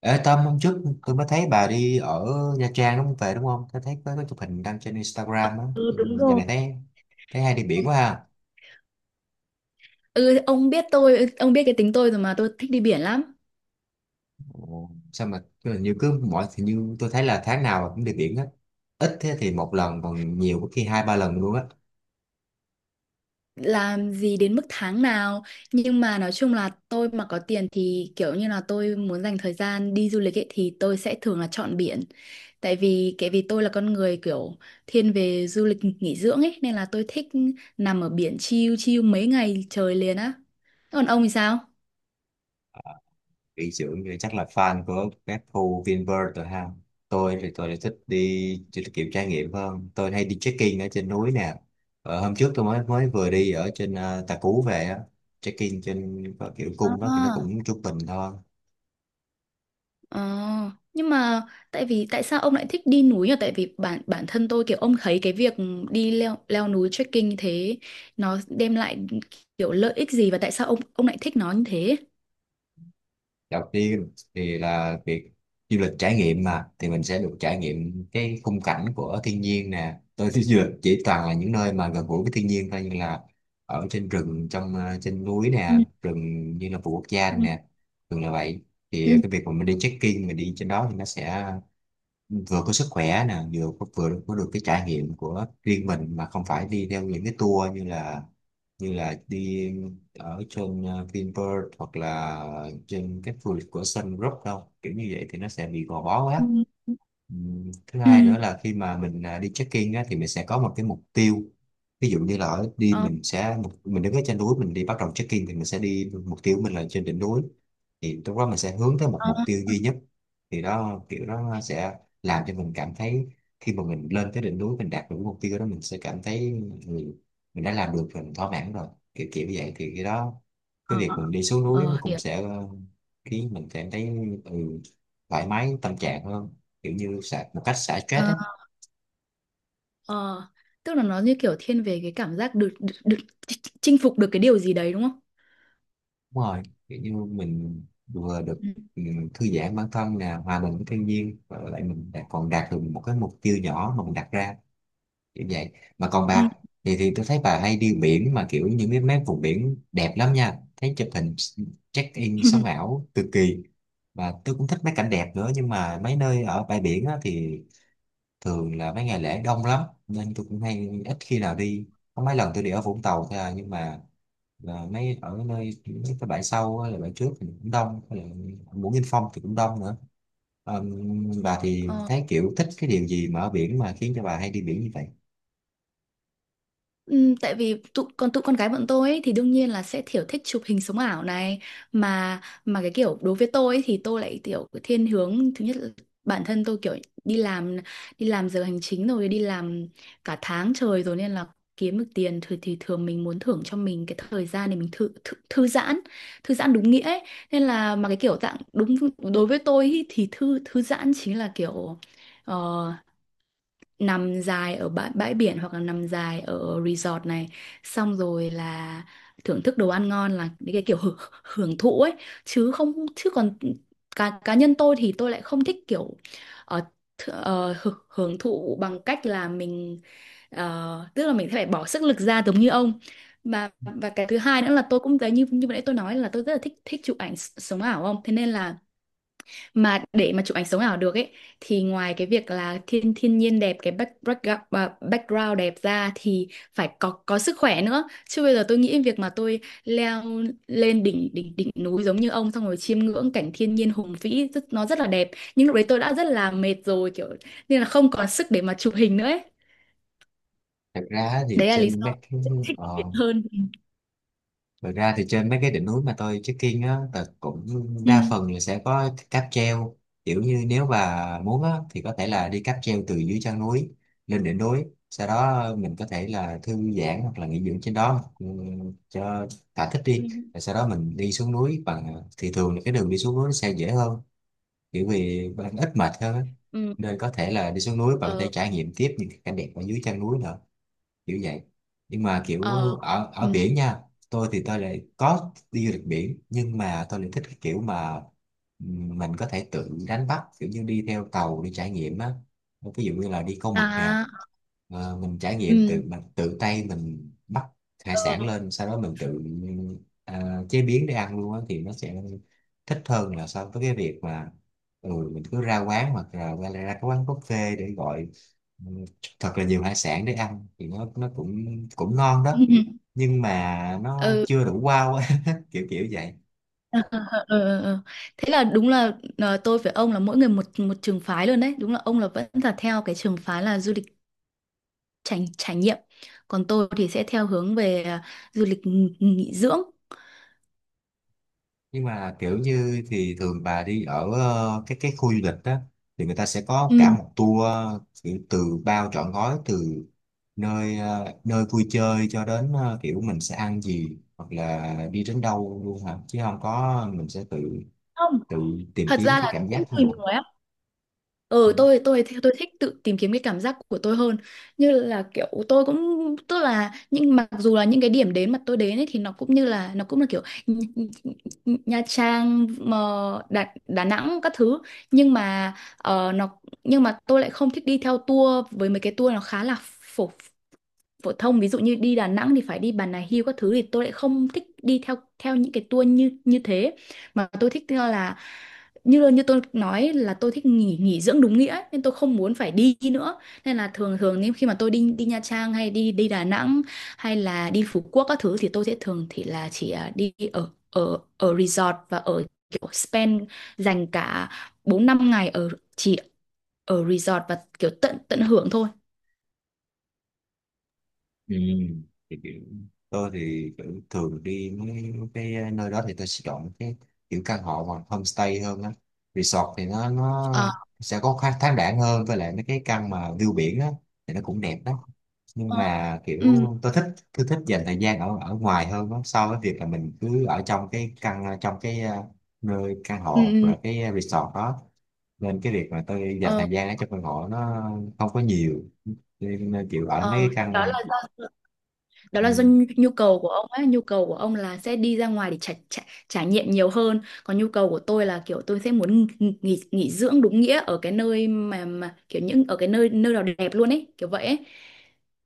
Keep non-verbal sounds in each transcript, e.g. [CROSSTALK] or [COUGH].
Ê Tâm, hôm trước tôi mới thấy bà đi ở Nha Trang đúng không? Về đúng không? Tôi thấy có cái chụp hình đăng trên Instagram á. Ừ, Ừ, đúng giờ rồi. này thấy thấy hay đi biển quá ha. Ừ, ông biết tôi, ông biết cái tính tôi rồi mà tôi thích đi biển lắm. Ồ, sao mà hình như cứ mỗi thì như tôi thấy là tháng nào cũng đi biển hết. Ít thế thì một lần, còn nhiều có khi hai ba lần luôn á. Làm gì đến mức tháng nào, nhưng mà nói chung là tôi mà có tiền thì kiểu như là tôi muốn dành thời gian đi du lịch ấy thì tôi sẽ thường là chọn biển. Tại vì tôi là con người kiểu thiên về du lịch nghỉ dưỡng ấy nên là tôi thích nằm ở biển chill chill mấy ngày trời liền á. Còn ông thì sao? Nghỉ dưỡng thì chắc là fan của các khu Vinpearl rồi ha. Tôi thì tôi lại thích đi chỉ là kiểu trải nghiệm hơn, tôi hay đi trekking ở trên núi nè. Hôm trước tôi mới mới vừa đi ở trên Tà Cú về á, trekking trên có kiểu cung đó thì nó À. cũng trung bình thôi. Ờ, nhưng mà tại vì tại sao ông lại thích đi núi nhỉ? Tại vì bản bản thân tôi kiểu ông thấy cái việc đi leo leo núi trekking như thế nó đem lại kiểu lợi ích gì và tại sao ông lại thích nó như thế? Đầu tiên thì là việc du lịch trải nghiệm mà, thì mình sẽ được trải nghiệm cái khung cảnh của thiên nhiên nè. Tôi thích du lịch chỉ toàn là những nơi mà gần gũi với thiên nhiên thôi, như là ở trên rừng, trong trên núi Ừ, nè, rừng như là vườn quốc gia ừ, nè, thường là vậy. Thì ừ, cái việc mà mình đi trekking, mình đi trên đó thì nó sẽ vừa có sức khỏe nè, vừa có được cái trải nghiệm của riêng mình, mà không phải đi theo những cái tour như là đi ở trên Vinpearl hoặc là trên các khu du lịch của Sun Group đâu, kiểu như vậy thì nó sẽ bị gò bó ừ, quá. Thứ hai ừ. nữa là khi mà mình đi check-in á, thì mình sẽ có một cái mục tiêu. Ví dụ như là ở đi Ờ, mình sẽ mình đứng ở trên núi, mình đi bắt đầu check-in thì mình sẽ đi mục tiêu của mình là trên đỉnh núi, thì lúc đó mình sẽ hướng tới một ờ, mục tiêu duy nhất. Thì đó, kiểu đó sẽ làm cho mình cảm thấy khi mà mình lên tới đỉnh núi, mình đạt được cái mục tiêu đó, mình sẽ cảm thấy mình, mình đã làm được rồi, mình thỏa mãn rồi, kiểu kiểu vậy. Thì cái đó, cái ờ, việc mình đi xuống núi nó ờ, cũng hiểu. sẽ khiến mình cảm thấy ừ, thoải mái tâm trạng hơn, kiểu như xả, một cách xả stress Ờ, á. ờ. Tức là nó như kiểu thiên về cái cảm giác được chinh phục được cái điều gì đấy đúng không? Đúng rồi, kiểu như mình vừa được Ừ. ừ, thư giãn bản thân nè, hòa mình với thiên nhiên, và lại mình lại còn đạt được một cái mục tiêu nhỏ mà mình đặt ra, kiểu vậy. Mà còn Ừ. bà thì tôi thấy bà hay đi biển, mà kiểu những cái mấy vùng biển đẹp lắm nha, thấy chụp hình check in sống [LAUGHS] ảo cực kỳ. Và tôi cũng thích mấy cảnh đẹp nữa, nhưng mà mấy nơi ở bãi biển á, thì thường là mấy ngày lễ đông lắm, nên tôi cũng hay ít khi nào đi. Có mấy lần tôi đi ở Vũng Tàu thôi à, nhưng mà là mấy ở nơi mấy cái bãi sau á, là bãi trước thì cũng đông, là Mũi Nghinh Phong thì cũng đông nữa. Ờm, bà thì Ờ. thấy kiểu thích cái điều gì mà ở biển mà khiến cho bà hay đi biển như vậy? Tại vì còn tụi con gái bọn tôi ấy, thì đương nhiên là sẽ kiểu thích chụp hình sống ảo này mà cái kiểu đối với tôi ấy, thì tôi lại kiểu cái thiên hướng thứ nhất là bản thân tôi kiểu đi làm đi làm giờ hành chính rồi đi làm cả tháng trời rồi nên là kiếm được tiền thì thường mình muốn thưởng cho mình cái thời gian để mình thư giãn thư giãn đúng nghĩa ấy. Nên là mà cái kiểu dạng đúng đối với tôi ý, thì thư thư giãn chính là kiểu ờ, nằm dài ở bãi biển hoặc là nằm dài ở resort này xong rồi là thưởng thức đồ ăn ngon là những cái kiểu hưởng thụ ấy chứ không chứ còn cá cá nhân tôi thì tôi lại không thích kiểu ờ, hưởng thụ bằng cách là mình tức là mình sẽ phải bỏ sức lực ra giống như ông và cái thứ hai nữa là tôi cũng thấy như như vừa nãy tôi nói là tôi rất là thích thích chụp ảnh sống ảo không thế nên là mà để mà chụp ảnh sống ảo được ấy thì ngoài cái việc là thiên thiên nhiên đẹp cái background đẹp ra thì phải có sức khỏe nữa chứ bây giờ tôi nghĩ việc mà tôi leo lên đỉnh đỉnh đỉnh núi giống như ông xong rồi chiêm ngưỡng cảnh thiên nhiên hùng vĩ nó rất là đẹp nhưng lúc đấy tôi đã rất là mệt rồi kiểu nên là không còn sức để mà chụp hình nữa ấy. thật ra thì Đấy là lý trên mấy do cái tôi thích biển ờ, hơn. Thật ra thì trên mấy cái đỉnh núi mà tôi trekking á, là cũng Ừ. đa phần là sẽ có cáp treo. Kiểu như nếu mà muốn á, thì có thể là đi cáp treo từ dưới chân núi lên đỉnh núi. Sau đó mình có thể là thư giãn hoặc là nghỉ dưỡng trên đó, cho thỏa thích Ừ. đi. Ừ. Rồi sau đó mình đi xuống núi bằng thì thường là cái đường đi xuống núi nó sẽ dễ hơn. Kiểu vì bạn ít mệt hơn á. Ừ. Nên có thể là đi xuống núi bạn có thể Ờ. trải nghiệm tiếp những cái cảnh đẹp ở dưới chân núi nữa, kiểu vậy. Nhưng mà kiểu Ờ. ở ở Ừ. biển nha, tôi thì tôi lại có đi du lịch biển, nhưng mà tôi lại thích cái kiểu mà mình có thể tự đánh bắt, kiểu như đi theo tàu đi trải nghiệm á. Ví dụ như là đi câu mực nè. À, Ờ, mình trải nghiệm ừ. tự mình tự tay mình bắt hải Ờ. sản lên, sau đó mình tự chế biến để ăn luôn á, thì nó sẽ thích hơn là so với cái việc mà mình cứ ra quán hoặc là ra cái quán buffet để gọi thật là nhiều hải sản để ăn, thì nó cũng cũng ngon [LAUGHS] đó, Ừ. nhưng mà nó Ừ. chưa đủ wow á, [LAUGHS] kiểu kiểu vậy. [LAUGHS] Ờ, ờ, ờ, ờ, ờ. Thế là đúng là tôi với ông là mỗi người một một trường phái luôn đấy. Đúng là ông là vẫn là theo cái trường phái là du lịch trải trải nghiệm, còn tôi thì sẽ theo hướng về du lịch nghỉ nghỉ dưỡng. Nhưng mà kiểu như thì thường bà đi ở cái khu du lịch đó thì người ta sẽ có Ừ. cả một tour, kiểu từ bao trọn gói, từ nơi nơi vui chơi cho đến kiểu mình sẽ ăn gì hoặc là đi đến đâu luôn hả, chứ không có mình sẽ tự Không, tự tìm thật kiếm ra cái là cảm cũng giác tùy mình. người. Ừ. Ừ, tôi thích tự tìm kiếm cái cảm giác của tôi hơn như là kiểu tôi cũng tức là nhưng mặc dù là những cái điểm đến mà tôi đến ấy, thì nó cũng như là nó cũng là kiểu Nh- Nh- Nha Trang mà Đà Nẵng các thứ nhưng mà ờ, nó nhưng mà tôi lại không thích đi theo tour với mấy cái tour nó khá là phổ phổ thông ví dụ như đi Đà Nẵng thì phải đi Bà Nà Hills các thứ thì tôi lại không thích đi theo theo những cái tour như như thế mà tôi thích là như như tôi nói là tôi thích nghỉ nghỉ dưỡng đúng nghĩa ấy, nên tôi không muốn phải đi nữa nên là thường thường nếu khi mà tôi đi đi Nha Trang hay đi đi Đà Nẵng hay là đi Phú Quốc các thứ thì tôi sẽ thường thì là chỉ đi ở ở ở resort và ở kiểu spend dành cả 4 5 ngày ở chỉ ở resort và kiểu tận tận hưởng thôi. Ừ. Thì kiểu tôi thì kiểu thường đi mấy cái nơi đó thì tôi sẽ chọn cái kiểu căn hộ hoặc homestay hơn á. Resort thì nó Ờ, sẽ có khá thoáng đãng hơn, với lại mấy cái căn mà view biển á thì nó cũng đẹp đó, nhưng ờ, mà kiểu ừ, tôi thích tôi thích dành thời gian ở ở ngoài hơn á, so với việc là mình cứ ở trong cái căn trong cái nơi căn ừ, hộ hoặc ừ. là cái resort đó. Nên cái việc mà tôi dành Ờ, thời gian ở trong căn hộ nó không có nhiều, nên nên kiểu ở mấy ờ, cái căn đó mà, là do đó là do ừ, nhu nhu cầu của ông ấy, nhu cầu của ông là sẽ đi ra ngoài để trải nghiệm nhiều hơn, còn nhu cầu của tôi là kiểu tôi sẽ muốn nghỉ dưỡng đúng nghĩa ở cái nơi mà kiểu những ở cái nơi nơi nào đẹp luôn ấy, kiểu vậy ấy.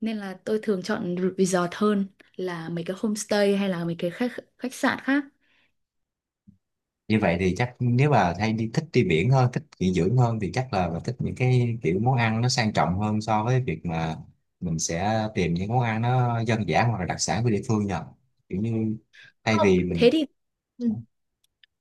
Nên là tôi thường chọn resort hơn là mấy cái homestay hay là mấy cái khách khách sạn khác. như vậy thì chắc nếu mà hay đi thích đi biển hơn, thích nghỉ dưỡng hơn, thì chắc là mình thích những cái kiểu món ăn nó sang trọng hơn so với việc mà mình sẽ tìm những món ăn nó dân dã hoặc là đặc sản của địa phương nhờ, kiểu như thay Không, vì mình. thế thì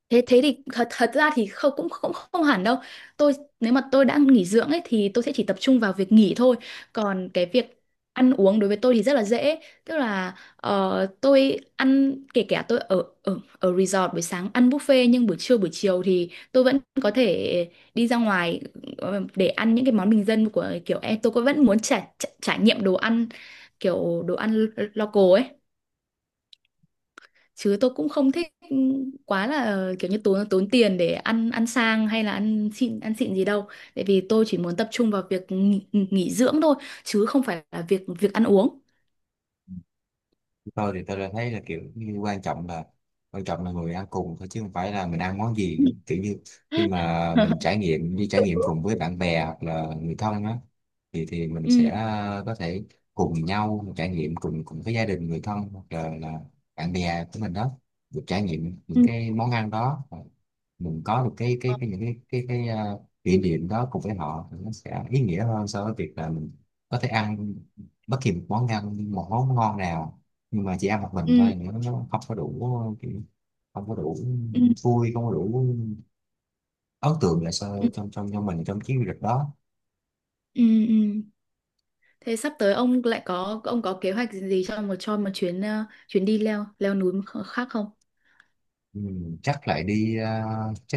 thế thế thì thật thật ra thì không cũng cũng không hẳn đâu tôi nếu mà tôi đã nghỉ dưỡng ấy thì tôi sẽ chỉ tập trung vào việc nghỉ thôi còn cái việc ăn uống đối với tôi thì rất là dễ tức là tôi ăn kể cả tôi ở ở ở resort buổi sáng ăn buffet nhưng buổi trưa buổi chiều thì tôi vẫn có thể đi ra ngoài để ăn những cái món bình dân của kiểu em tôi cũng vẫn muốn trải trải trải nghiệm đồ ăn kiểu đồ ăn local ấy chứ tôi cũng không thích quá là kiểu như tốn tốn tiền để ăn ăn sang hay là ăn xịn gì đâu tại vì tôi chỉ muốn tập trung vào việc nghỉ dưỡng thôi chứ không phải là việc việc ăn uống. Tôi thì tôi đã thấy là kiểu như quan trọng là người ăn cùng thôi, chứ không phải là mình ăn món gì nữa. Kiểu như khi mà mình trải [LAUGHS] nghiệm đi trải nghiệm cùng với bạn bè hoặc là người thân á, thì mình Ừ, sẽ có thể cùng nhau trải nghiệm cùng cùng với gia đình người thân hoặc là bạn bè của mình đó, được trải nghiệm những ừ, cái món ăn đó. Và mình có được cái cái những cái cái kỷ niệm đó cùng với họ, thì nó sẽ ý nghĩa hơn so với việc là mình có thể ăn bất kỳ một món ăn, một món ngon nào, nhưng mà chỉ ăn một mình ừ, thôi, nữa nó không có đủ kiểu, không có đủ ừ, vui, không có đủ ấn tượng lại sao trong trong trong mình trong chuyến du lịch đó. ừ, ừ. Thế sắp tới ông có kế hoạch gì cho một chuyến đi leo leo núi khác không? Ừ, chắc lại đi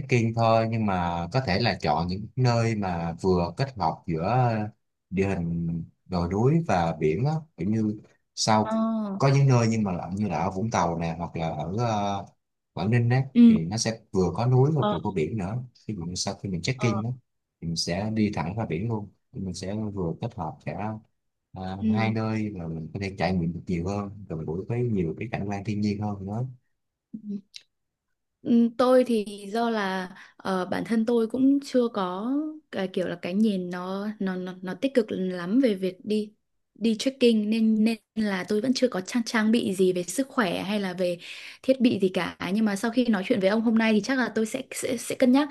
in thôi, nhưng mà có thể là chọn những nơi mà vừa kết hợp giữa địa hình đồi núi và biển á, kiểu như Ờ. sau có những nơi, nhưng mà là như là ở Vũng Tàu nè hoặc là ở Quảng Ninh đấy, Ừ. thì nó sẽ vừa có núi và Ờ, vừa có biển nữa. Ví dụ như sau khi mình ờ. trekking đó thì mình sẽ đi thẳng ra biển luôn. Thì mình sẽ vừa kết hợp cả hai Ừ. nơi và mình có thể trải nghiệm được nhiều hơn, gần gũi với nhiều cái cảnh quan thiên nhiên hơn nữa. Ừ. Ừ, tôi thì do là bản thân tôi cũng chưa có cái kiểu là cái nhìn nó tích cực lắm về việc đi đi trekking nên nên là tôi vẫn chưa có trang trang bị gì về sức khỏe hay là về thiết bị gì cả nhưng mà sau khi nói chuyện với ông hôm nay thì chắc là tôi sẽ sẽ sẽ cân nhắc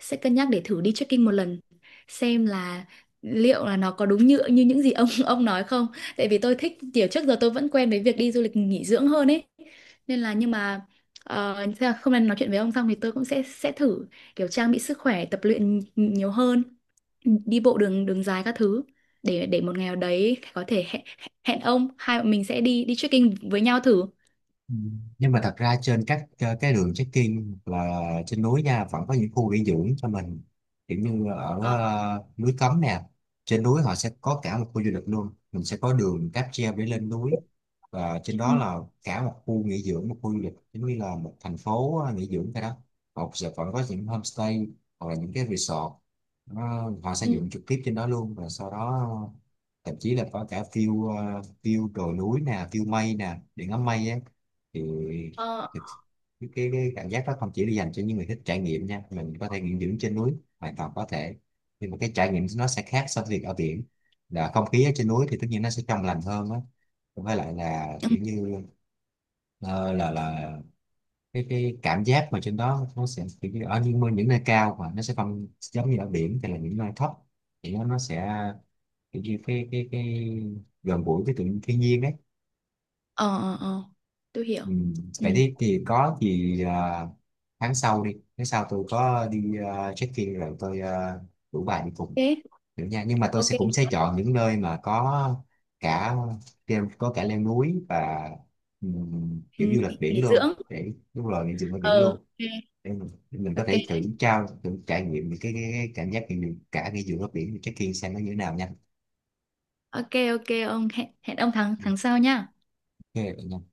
sẽ cân nhắc để thử đi trekking một lần xem là liệu là nó có đúng như như những gì ông [LAUGHS] ông nói không tại vì tôi thích kiểu trước giờ tôi vẫn quen với việc đi du lịch nghỉ dưỡng hơn ấy nên là nhưng mà thế là hôm nay nói chuyện với ông xong thì tôi cũng sẽ thử kiểu trang bị sức khỏe tập luyện nhiều hơn đi bộ đường đường dài các thứ để một ngày nào đấy có thể hẹn hẹn ông hai bọn mình sẽ đi đi trekking với nhau thử. Ừ. Nhưng mà thật ra trên các cái đường trekking hoặc là trên núi nha, vẫn có những khu nghỉ dưỡng cho mình, kiểu như ở Ờ, núi Cấm nè, trên núi họ sẽ có cả một khu du lịch luôn, mình sẽ có đường cáp treo để lên núi, và trên ừ, đó là cả một khu nghỉ dưỡng, một khu du lịch giống như là một thành phố nghỉ dưỡng. Cái đó họ sẽ vẫn có những homestay hoặc là những cái resort. Họ sẽ ừ, dựng trực tiếp trên đó luôn, và sau đó thậm chí là có cả view view đồi núi nè, view mây nè, điện ngắm mây á, thì ờ, thực- cái cảm giác đó không chỉ là dành cho những người thích trải nghiệm nha, mình có thể nghỉ dưỡng trên núi hoàn toàn có thể. Nhưng mà cái trải nghiệm nó sẽ khác so với việc ở biển, là không khí ở trên núi thì tất nhiên nó sẽ trong lành hơn á, với lại là ừ, kiểu như ờ, là cái cảm giác mà trên đó nó sẽ kiểu như ở những nơi cao, mà nó sẽ không giống như ở biển thì là những nơi thấp, thì nó sẽ kiểu như cái cái gần gũi với tự nhiên thiên nhiên đấy. ờ, ờ, ờ, tôi hiểu. Ừ. Ừ. Vậy thì có gì à, tháng sau đi, tháng sau tôi có đi check-in rồi tôi rủ bà đi cùng Thế được nha, nhưng mà tôi ok. sẽ cũng sẽ chọn những nơi mà có cả có cả leo núi và Ừ, kiểu du lịch biển nghỉ luôn, dưỡng. để đúng rồi mình dừng ở biển Ờ, luôn, để để mình có ok, thể ok, thử thử trải nghiệm những cái cảm giác mình cả ngay giữa nước biển check-in xem nó như thế nào nha. ok, ok, ông hẹn hẹn ông tháng tháng sau nhá. Ok.